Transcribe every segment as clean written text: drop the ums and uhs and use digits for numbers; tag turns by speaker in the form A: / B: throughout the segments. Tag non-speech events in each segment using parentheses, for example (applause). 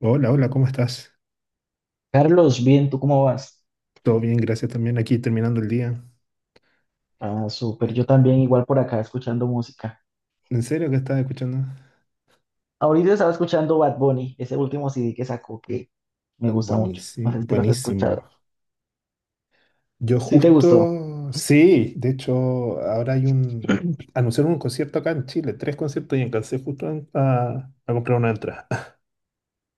A: Hola, hola, ¿cómo estás?
B: Carlos, bien, ¿tú cómo vas?
A: Todo bien, gracias también. Aquí terminando el día.
B: Ah, súper, yo también igual por acá escuchando música.
A: ¿En serio que estás escuchando?
B: Ahorita estaba escuchando Bad Bunny, ese último CD que sacó que me gusta mucho. No
A: Buenísimo,
B: sé si lo has
A: buenísimo.
B: escuchado.
A: Yo
B: Sí, te gustó.
A: justo, sí, de hecho, anunciaron un concierto acá en Chile, tres conciertos y alcancé a comprar una entrada. (laughs)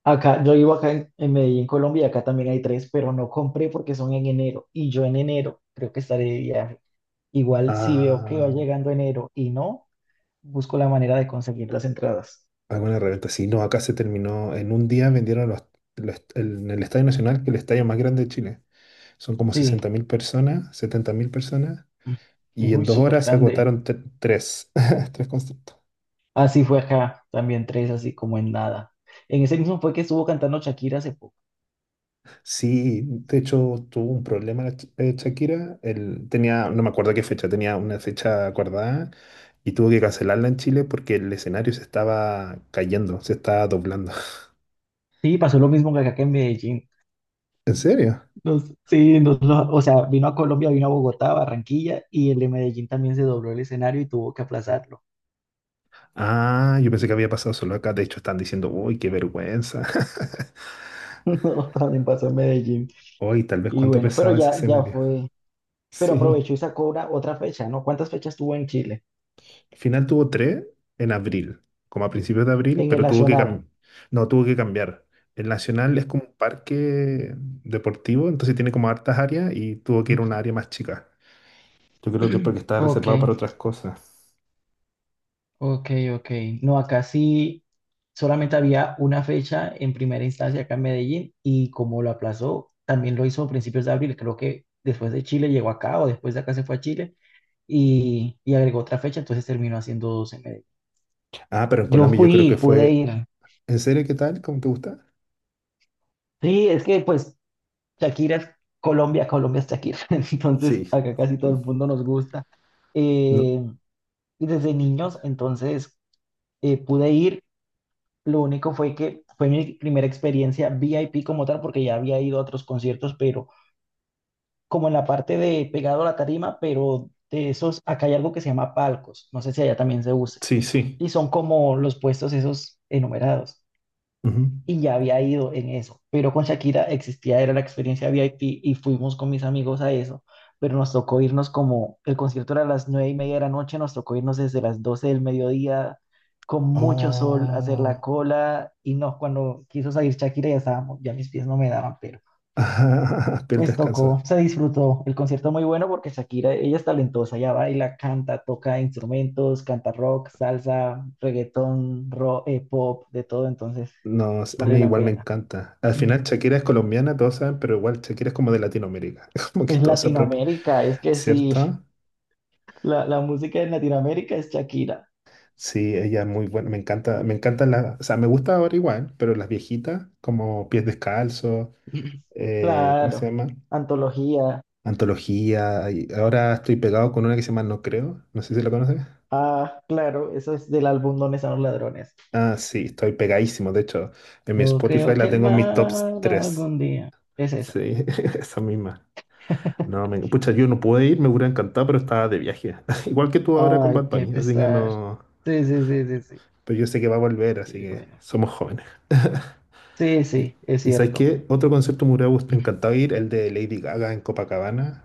B: Acá, yo vivo acá en Medellín, Colombia, y acá también hay tres, pero no compré porque son en enero. Y yo en enero creo que estaré de viaje. Igual si veo que va
A: Ah,
B: llegando enero y no, busco la manera de conseguir las entradas.
A: alguna reventa, sí, no, acá se terminó, en un día vendieron en el Estadio Nacional, que es el estadio más grande de Chile. Son como
B: Sí.
A: 60.000 personas, 70.000 personas, y en
B: Uy,
A: dos
B: súper
A: horas se
B: grande.
A: agotaron tres, (laughs) tres conciertos.
B: Así fue acá, también tres, así como en nada. En ese mismo fue que estuvo cantando Shakira hace poco.
A: Sí, de hecho tuvo un problema la Shakira. Él tenía, no me acuerdo qué fecha, tenía una fecha acordada y tuvo que cancelarla en Chile porque el escenario se estaba cayendo, se estaba doblando. (laughs)
B: Sí, pasó lo mismo que acá que en Medellín.
A: ¿En serio?
B: Sí, o sea, vino a Colombia, vino a Bogotá, Barranquilla, y el de Medellín también se dobló el escenario y tuvo que aplazarlo.
A: Ah, yo pensé que había pasado solo acá. De hecho, están diciendo, uy, qué vergüenza. (laughs)
B: (laughs) No, también pasó en Medellín.
A: Uy, tal vez
B: Y
A: cuánto
B: bueno, pero
A: pesaba ese
B: ya, ya
A: escenario.
B: fue. Pero
A: Sí.
B: aprovechó y sacó una, otra fecha, ¿no? ¿Cuántas fechas tuvo en Chile?
A: Al final tuvo tres en abril, como a principios de abril,
B: En el
A: pero tuvo que
B: Nacional.
A: no, tuvo que cambiar. El Nacional es como un parque deportivo, entonces tiene como hartas áreas y tuvo que ir a una área
B: (clears throat)
A: más chica. Yo creo que es porque estaba
B: Ok.
A: reservado para otras cosas.
B: Ok, ok. No, acá sí solamente había una fecha en primera instancia acá en Medellín y como lo aplazó, también lo hizo a principios de abril. Creo que después de Chile llegó acá o después de acá se fue a Chile y agregó otra fecha, entonces terminó haciendo dos en Medellín.
A: Ah, pero en
B: Yo
A: Colombia yo creo que
B: fui, pude
A: fue.
B: ir.
A: ¿En serio qué tal? ¿Cómo te gusta?
B: Sí, es que pues Shakira es Colombia, Colombia es Shakira. (laughs) Entonces
A: Sí.
B: acá casi todo el mundo nos gusta.
A: No,
B: Eh, y desde niños, entonces pude ir. Lo único fue que fue mi primera experiencia VIP como tal, porque ya había ido a otros conciertos, pero como en la parte de pegado a la tarima, pero de esos, acá hay algo que se llama palcos, no sé si allá también se use,
A: sí, sí.
B: y son como los puestos esos enumerados
A: Ujú.
B: y ya había ido en eso, pero con Shakira existía, era la experiencia VIP y fuimos con mis amigos a eso, pero nos tocó irnos como, el concierto era a las 9:30 de la noche, nos tocó irnos desde las 12 del mediodía con mucho sol, a hacer la
A: Oh. (laughs)
B: cola y no, cuando quiso salir Shakira ya estábamos, ya mis pies no me daban, pero
A: Ajá, el
B: pues tocó,
A: descanso.
B: se disfrutó, el concierto muy bueno porque Shakira, ella es talentosa, ella baila, canta, toca instrumentos, canta rock, salsa, reggaetón, rock, pop, de todo, entonces
A: No, a
B: vale
A: mí
B: la
A: igual me
B: pena.
A: encanta. Al final
B: (laughs)
A: Shakira es colombiana, todos saben, pero igual Shakira es como de Latinoamérica. (laughs) Es como que
B: Es
A: todo se apropia,
B: Latinoamérica, es que sí,
A: ¿cierto?
B: la música en Latinoamérica es Shakira.
A: Sí, ella es muy buena. Me encanta, me encantan las, o sea, me gusta ahora igual, pero las viejitas, como Pies Descalzos,
B: (laughs)
A: ¿cómo se
B: Claro,
A: llama?
B: antología.
A: Antología. Y ahora estoy pegado con una que se llama No Creo. No sé si la conoces.
B: Ah, claro, eso es del álbum Donde están los ladrones.
A: Ah, sí, estoy pegadísimo. De hecho, en mi
B: No
A: Spotify
B: creo
A: la
B: que el
A: tengo en
B: mar
A: mis tops tres.
B: algún día. Es esa.
A: Sí, (laughs) esa misma. No,
B: (laughs)
A: me, pucha, yo no pude ir, me hubiera encantado, pero estaba de viaje. (laughs) Igual que tú ahora con
B: Ay,
A: Bad
B: qué
A: Bunny, así que
B: pesar.
A: no.
B: Sí, sí, sí, sí, sí.
A: Pero yo sé que va a volver, así
B: Y
A: que
B: bueno,
A: somos jóvenes.
B: sí,
A: (laughs) ¿Y,
B: sí, es
A: y sabes
B: cierto.
A: qué? Otro concierto me hubiera
B: (laughs)
A: encantado ir, el de Lady Gaga en Copacabana.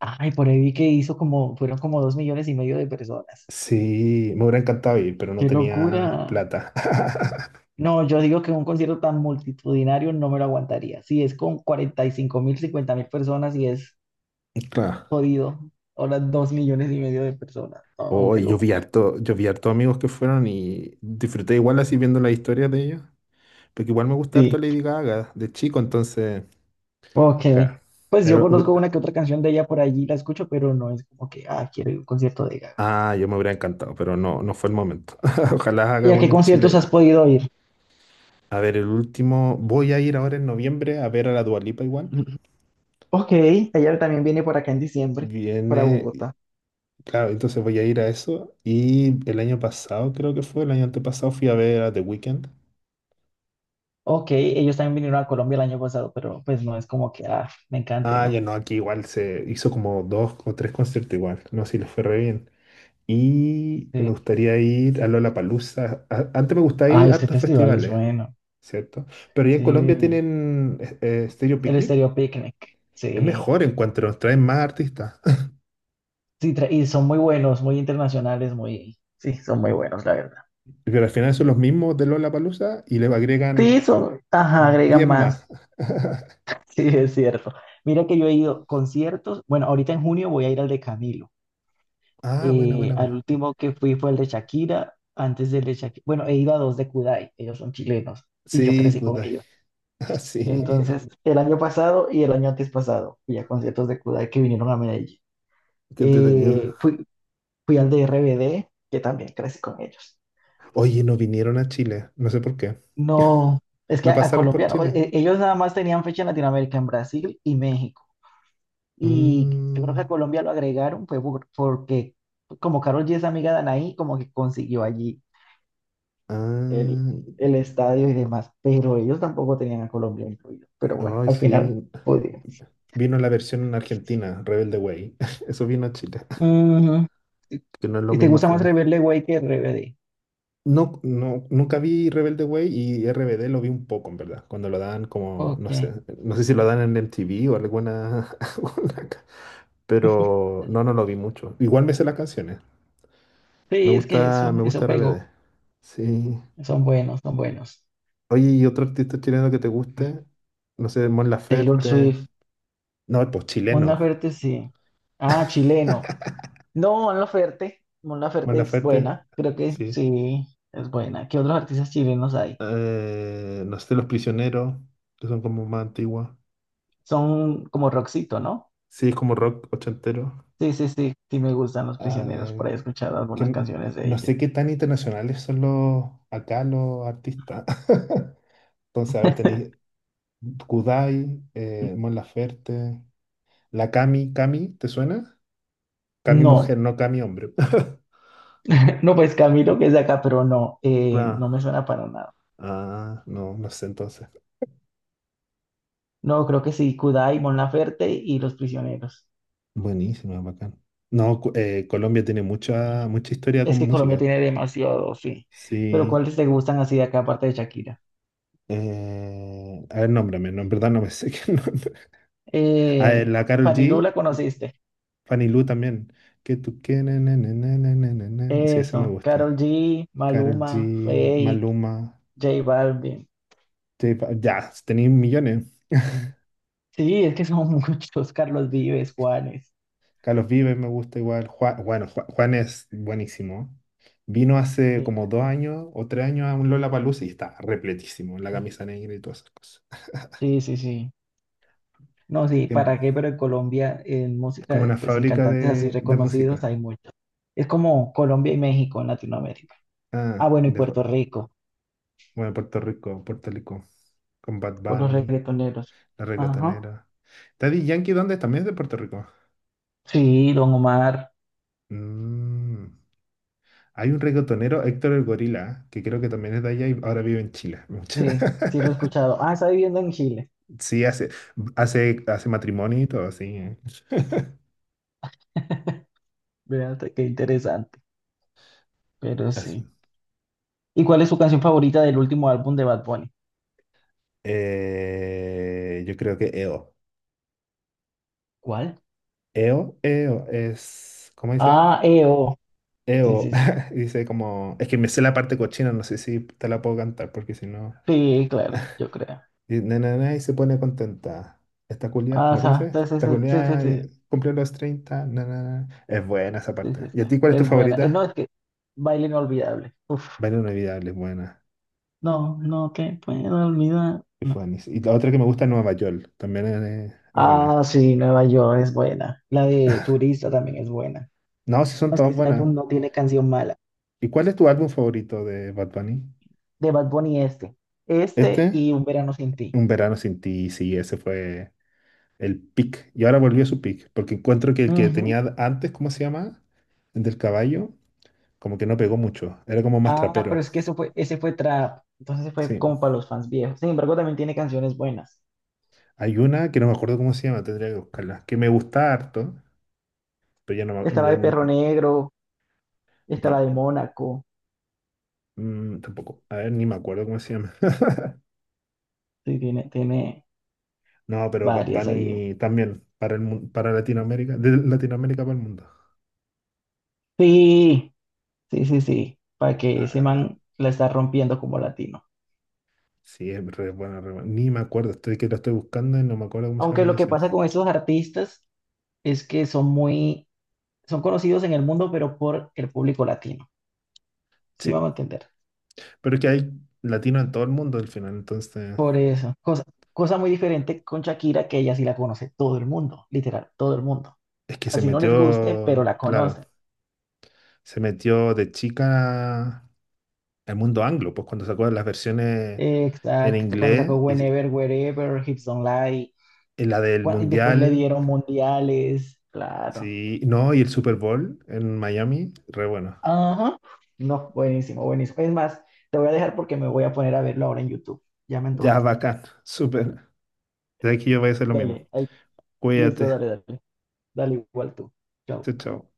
B: Ay, por ahí vi que hizo como, fueron como 2,5 millones de personas.
A: Sí, me hubiera encantado ir, pero no
B: ¡Qué
A: tenía
B: locura!
A: plata. (laughs)
B: No, yo digo que un concierto tan multitudinario no me lo aguantaría. Si es con 45.000, 50.000 personas y es
A: Claro.
B: jodido, ahora 2 millones y medio de personas. Oh, qué
A: Hoy
B: locura.
A: yo vi harto amigos que fueron y disfruté igual así viendo las historias de ellos. Porque igual me gusta harto
B: Sí,
A: Lady Gaga de chico, entonces,
B: ok.
A: claro.
B: Pues yo
A: Era,
B: conozco una que otra canción de ella por allí, la escucho, pero no es como que, ah, quiero ir a un concierto de Gaga.
A: Ah, yo me hubiera encantado, pero no, no fue el momento. (laughs) Ojalá
B: ¿Y
A: haga
B: a qué
A: bueno en
B: conciertos has
A: Chile.
B: podido ir?
A: A ver, el último. Voy a ir ahora en noviembre a ver a la Dua Lipa igual.
B: (laughs) Ok, ella también viene por acá en diciembre, para
A: Viene.
B: Bogotá.
A: Claro, entonces voy a ir a eso. Y el año pasado, creo que fue, el año antepasado, fui a ver a The Weeknd.
B: Ok, ellos también vinieron a Colombia el año pasado, pero pues no es como que, ah, me encante,
A: Ah, ya
B: no.
A: no, aquí igual se hizo como dos o tres conciertos igual. No sé si les fue re bien. Y me
B: Sí.
A: gustaría ir a Lollapalooza. Antes me gustaba ir
B: Ay,
A: a
B: este
A: hartos
B: festival es
A: festivales,
B: bueno.
A: ¿cierto? Pero ya en Colombia
B: Sí,
A: tienen Stereo
B: el
A: Picnic.
B: Estéreo Picnic,
A: Es
B: sí,
A: mejor, encuentro, nos traen más artistas.
B: sí, y son muy buenos, muy internacionales, muy, sí, son muy buenos, la verdad.
A: (laughs) Pero al final son los mismos de Lollapalooza y le
B: Sí,
A: agregan
B: son, ajá, agregan
A: 10 más.
B: más, (laughs) sí, es cierto. Mira que yo he ido conciertos, bueno, ahorita en junio voy a ir al de Camilo,
A: Ah, buena, buena,
B: al
A: buena.
B: último que fui fue el de Shakira, antes del de Shakira, bueno, he ido a dos de Kudai, ellos son chilenos, y yo
A: Sí,
B: crecí con
A: Kudai.
B: ellos.
A: (laughs) Ah, sí.
B: Entonces, el año pasado y el año antes pasado, fui a conciertos de Kudai que vinieron a Medellín.
A: Qué entretenido.
B: Eh, fui, fui al de RBD, que también crecí con ellos.
A: Oye, no vinieron a Chile. No sé por qué.
B: No, es que
A: No
B: a
A: pasaron por
B: Colombia, no,
A: Chile.
B: ellos nada más tenían fecha en Latinoamérica, en Brasil y México. Y yo creo
A: Mm,
B: que a Colombia lo agregaron fue porque como Karol G es amiga de Anaí, como que consiguió allí el,
A: ah,
B: el estadio y demás, pero ellos tampoco tenían a Colombia incluido. Pero bueno,
A: ay,
B: al final
A: sí.
B: pudieron.
A: Vino la versión argentina, Rebelde Way. (laughs) Eso vino a Chile,
B: Ujú. ¿Y
A: que no es lo
B: y te
A: mismo al
B: gusta más
A: final.
B: Rebelde Way que RBD?
A: No, no, nunca vi Rebelde Way y RBD lo vi un poco, en verdad, cuando lo dan como, no
B: Ok.
A: sé, no sé si lo dan en MTV o alguna, (laughs) pero no, no lo vi mucho. Igual me sé las canciones, me
B: Sí, es que
A: gusta,
B: eso,
A: me gusta
B: eso
A: RBD,
B: pegó.
A: sí.
B: Son buenos, son buenos.
A: Oye, ¿y otro artista chileno que te guste? No sé, Mon
B: Taylor
A: Laferte,
B: Swift.
A: no, pues
B: Mon
A: chileno.
B: Laferte, sí. Ah, chileno.
A: (laughs)
B: No, Mon Laferte. Mon
A: Mon
B: Laferte es
A: Laferte,
B: buena. Creo que
A: sí.
B: sí, es buena. ¿Qué otros artistas chilenos hay?
A: No sé, Los Prisioneros, que son como más antiguas.
B: Son como Roxito, ¿no?
A: Sí, es como rock ochentero.
B: Sí, sí, sí. Sí me gustan Los
A: A
B: Prisioneros. Por
A: ver,
B: ahí he escuchado
A: que
B: algunas
A: n-
B: canciones de
A: no
B: ellos.
A: sé qué tan internacionales son los acá los artistas. (laughs) Entonces, a ver, tenéis Kudai, Mon Laferte, la Cami, Cami, ¿te suena? Cami mujer,
B: No,
A: no Cami hombre. (laughs)
B: (laughs) no, pues Camilo que es de acá, pero no,
A: Claro.
B: no me suena para nada.
A: Ah, no, no sé entonces.
B: No, creo que sí, Kudai, Mon Laferte y Los Prisioneros.
A: Buenísimo, bacán. No, Colombia tiene mucha, mucha historia con
B: Es que Colombia
A: música.
B: tiene demasiado, sí. Pero
A: Sí.
B: ¿cuáles te gustan así de acá, aparte de Shakira?
A: A ver, nómbrame, no, en verdad no me (laughs) sé qué nombre. A ver,
B: Eh,
A: la Karol
B: Fanirú,
A: G,
B: ¿la conociste?
A: Fanny Lu también. Que tú que na, na, na, na, na, na, na, na. Sí, ese me
B: Eso,
A: gusta.
B: Karol G,
A: Karol
B: Maluma,
A: G,
B: Fate,
A: Maluma,
B: J Balvin.
A: Ya, tenéis millones.
B: Mm. Sí, es que son (laughs) muchos, Carlos Vives, Juanes.
A: Carlos Vives me gusta igual. Juan, bueno, Juan, es buenísimo. Vino hace
B: Sí,
A: como
B: es
A: dos
B: que-
A: años o 3 años a un Lollapalooza y está repletísimo, la camisa negra y todas esas cosas.
B: sí, sí. Sí. No, sí,
A: Em,
B: ¿para qué? Pero en Colombia, en
A: Es como
B: música,
A: una
B: pues en
A: fábrica
B: cantantes así
A: de
B: reconocidos
A: música.
B: hay muchos. Es como Colombia y México en Latinoamérica. Ah,
A: Ah,
B: bueno, y Puerto Rico,
A: bueno, Puerto Rico, Puerto Rico, con Bad
B: por los
A: Bunny,
B: reggaetoneros.
A: La
B: Ajá.
A: Reggaetonera. Daddy Yankee, ¿dónde es? También es de Puerto Rico.
B: Sí, Don Omar,
A: Mm. Hay un reggaetonero, Héctor el Gorila, que creo que también es de allá y ahora vive en Chile.
B: sí, sí lo he
A: (laughs)
B: escuchado. Ah, está viviendo en Chile.
A: Sí, hace matrimonio y todo, así.
B: (laughs) Vean, qué interesante, pero
A: Así.
B: sí. ¿Y cuál es su canción favorita del último álbum de Bad Bunny?
A: Yo creo que EO.
B: ¿Cuál?
A: EO, EO es, ¿cómo dice?
B: Ah, EO. Sí,
A: EO,
B: sí, sí.
A: (laughs) dice como, es que me sé la parte cochina, no sé si te la puedo cantar, porque si no,
B: Sí, claro, yo creo.
A: y, na, na, na, y se pone contenta. Esta culia, ¿no cómo dice?
B: Ajá, sí, sí,
A: Esta
B: sí, sí, sí,
A: culia
B: sí,
A: y cumple los 30, na, na, na. Es buena esa
B: sí,
A: parte.
B: sí,
A: ¿Y
B: sí.
A: a ti cuál es tu
B: Es buena. No,
A: favorita?
B: es que baile inolvidable. Uf,
A: Vale, inolvidable, es buena.
B: no, no, que puedo olvidar.
A: Es
B: No.
A: buena. Y la otra que me gusta es Nueva York, también es
B: Ah,
A: buena.
B: sí, Nueva York es buena. La de Turista también es buena.
A: No, sí son
B: No, es que
A: todas
B: ese
A: buenas.
B: álbum no tiene canción mala.
A: ¿Y cuál es tu álbum favorito de Bad Bunny?
B: De Bad Bunny este. Este
A: Este,
B: y Un Verano Sin Ti.
A: Un verano sin ti, sí, ese fue el pick. Y ahora volvió a su pick, porque encuentro que el que tenía antes, ¿cómo se llama? El del caballo, como que no pegó mucho, era como más
B: Ah, pero
A: trapero.
B: es que eso fue, ese fue trap. Entonces fue
A: Sí.
B: como para los fans viejos. Sin embargo, también tiene canciones buenas.
A: Hay una que no me acuerdo cómo se llama, tendría que buscarla, que me gusta harto, pero ya no,
B: Está la de Perro Negro, está
A: no,
B: la de Mónaco.
A: tampoco. A ver, ni me acuerdo cómo se llama.
B: Sí, tiene
A: No, pero Bad
B: varias allí.
A: Bunny también, para para Latinoamérica, de Latinoamérica para el mundo.
B: Sí, sí, sí, sí. Para que ese
A: Ah,
B: man la está rompiendo como latino.
A: sí, es re buena, re buena. Ni me acuerdo, estoy que lo estoy buscando y no me acuerdo cómo se llama
B: Aunque
A: la
B: lo que
A: canción.
B: pasa con esos artistas es que son conocidos en el mundo, pero por el público latino. Sí, me
A: Sí,
B: vamos a entender.
A: pero es que hay latinos en todo el mundo al final, entonces
B: Por eso. Cosa, cosa muy diferente con Shakira, que ella sí la conoce todo el mundo, literal, todo el mundo.
A: es que se
B: Así no les guste, pero
A: metió,
B: la
A: claro,
B: conocen.
A: se metió de chica al mundo anglo, pues cuando sacó las versiones en
B: Exacto, cuando sacó
A: inglés y
B: Whenever, Wherever, Hips Don't Lie,
A: la del
B: y después le
A: Mundial,
B: dieron mundiales, claro.
A: sí, no, y el Super Bowl en Miami, re bueno.
B: Ajá, no, buenísimo, buenísimo. Es más, te voy a dejar porque me voy a poner a verlo ahora en YouTube. Ya me
A: Ya,
B: antojaste.
A: bacán, súper. De aquí yo voy a hacer lo mismo.
B: Dale, ahí, listo,
A: Cuídate.
B: dale, dale. Dale igual tú. Chao.
A: Chao, chao.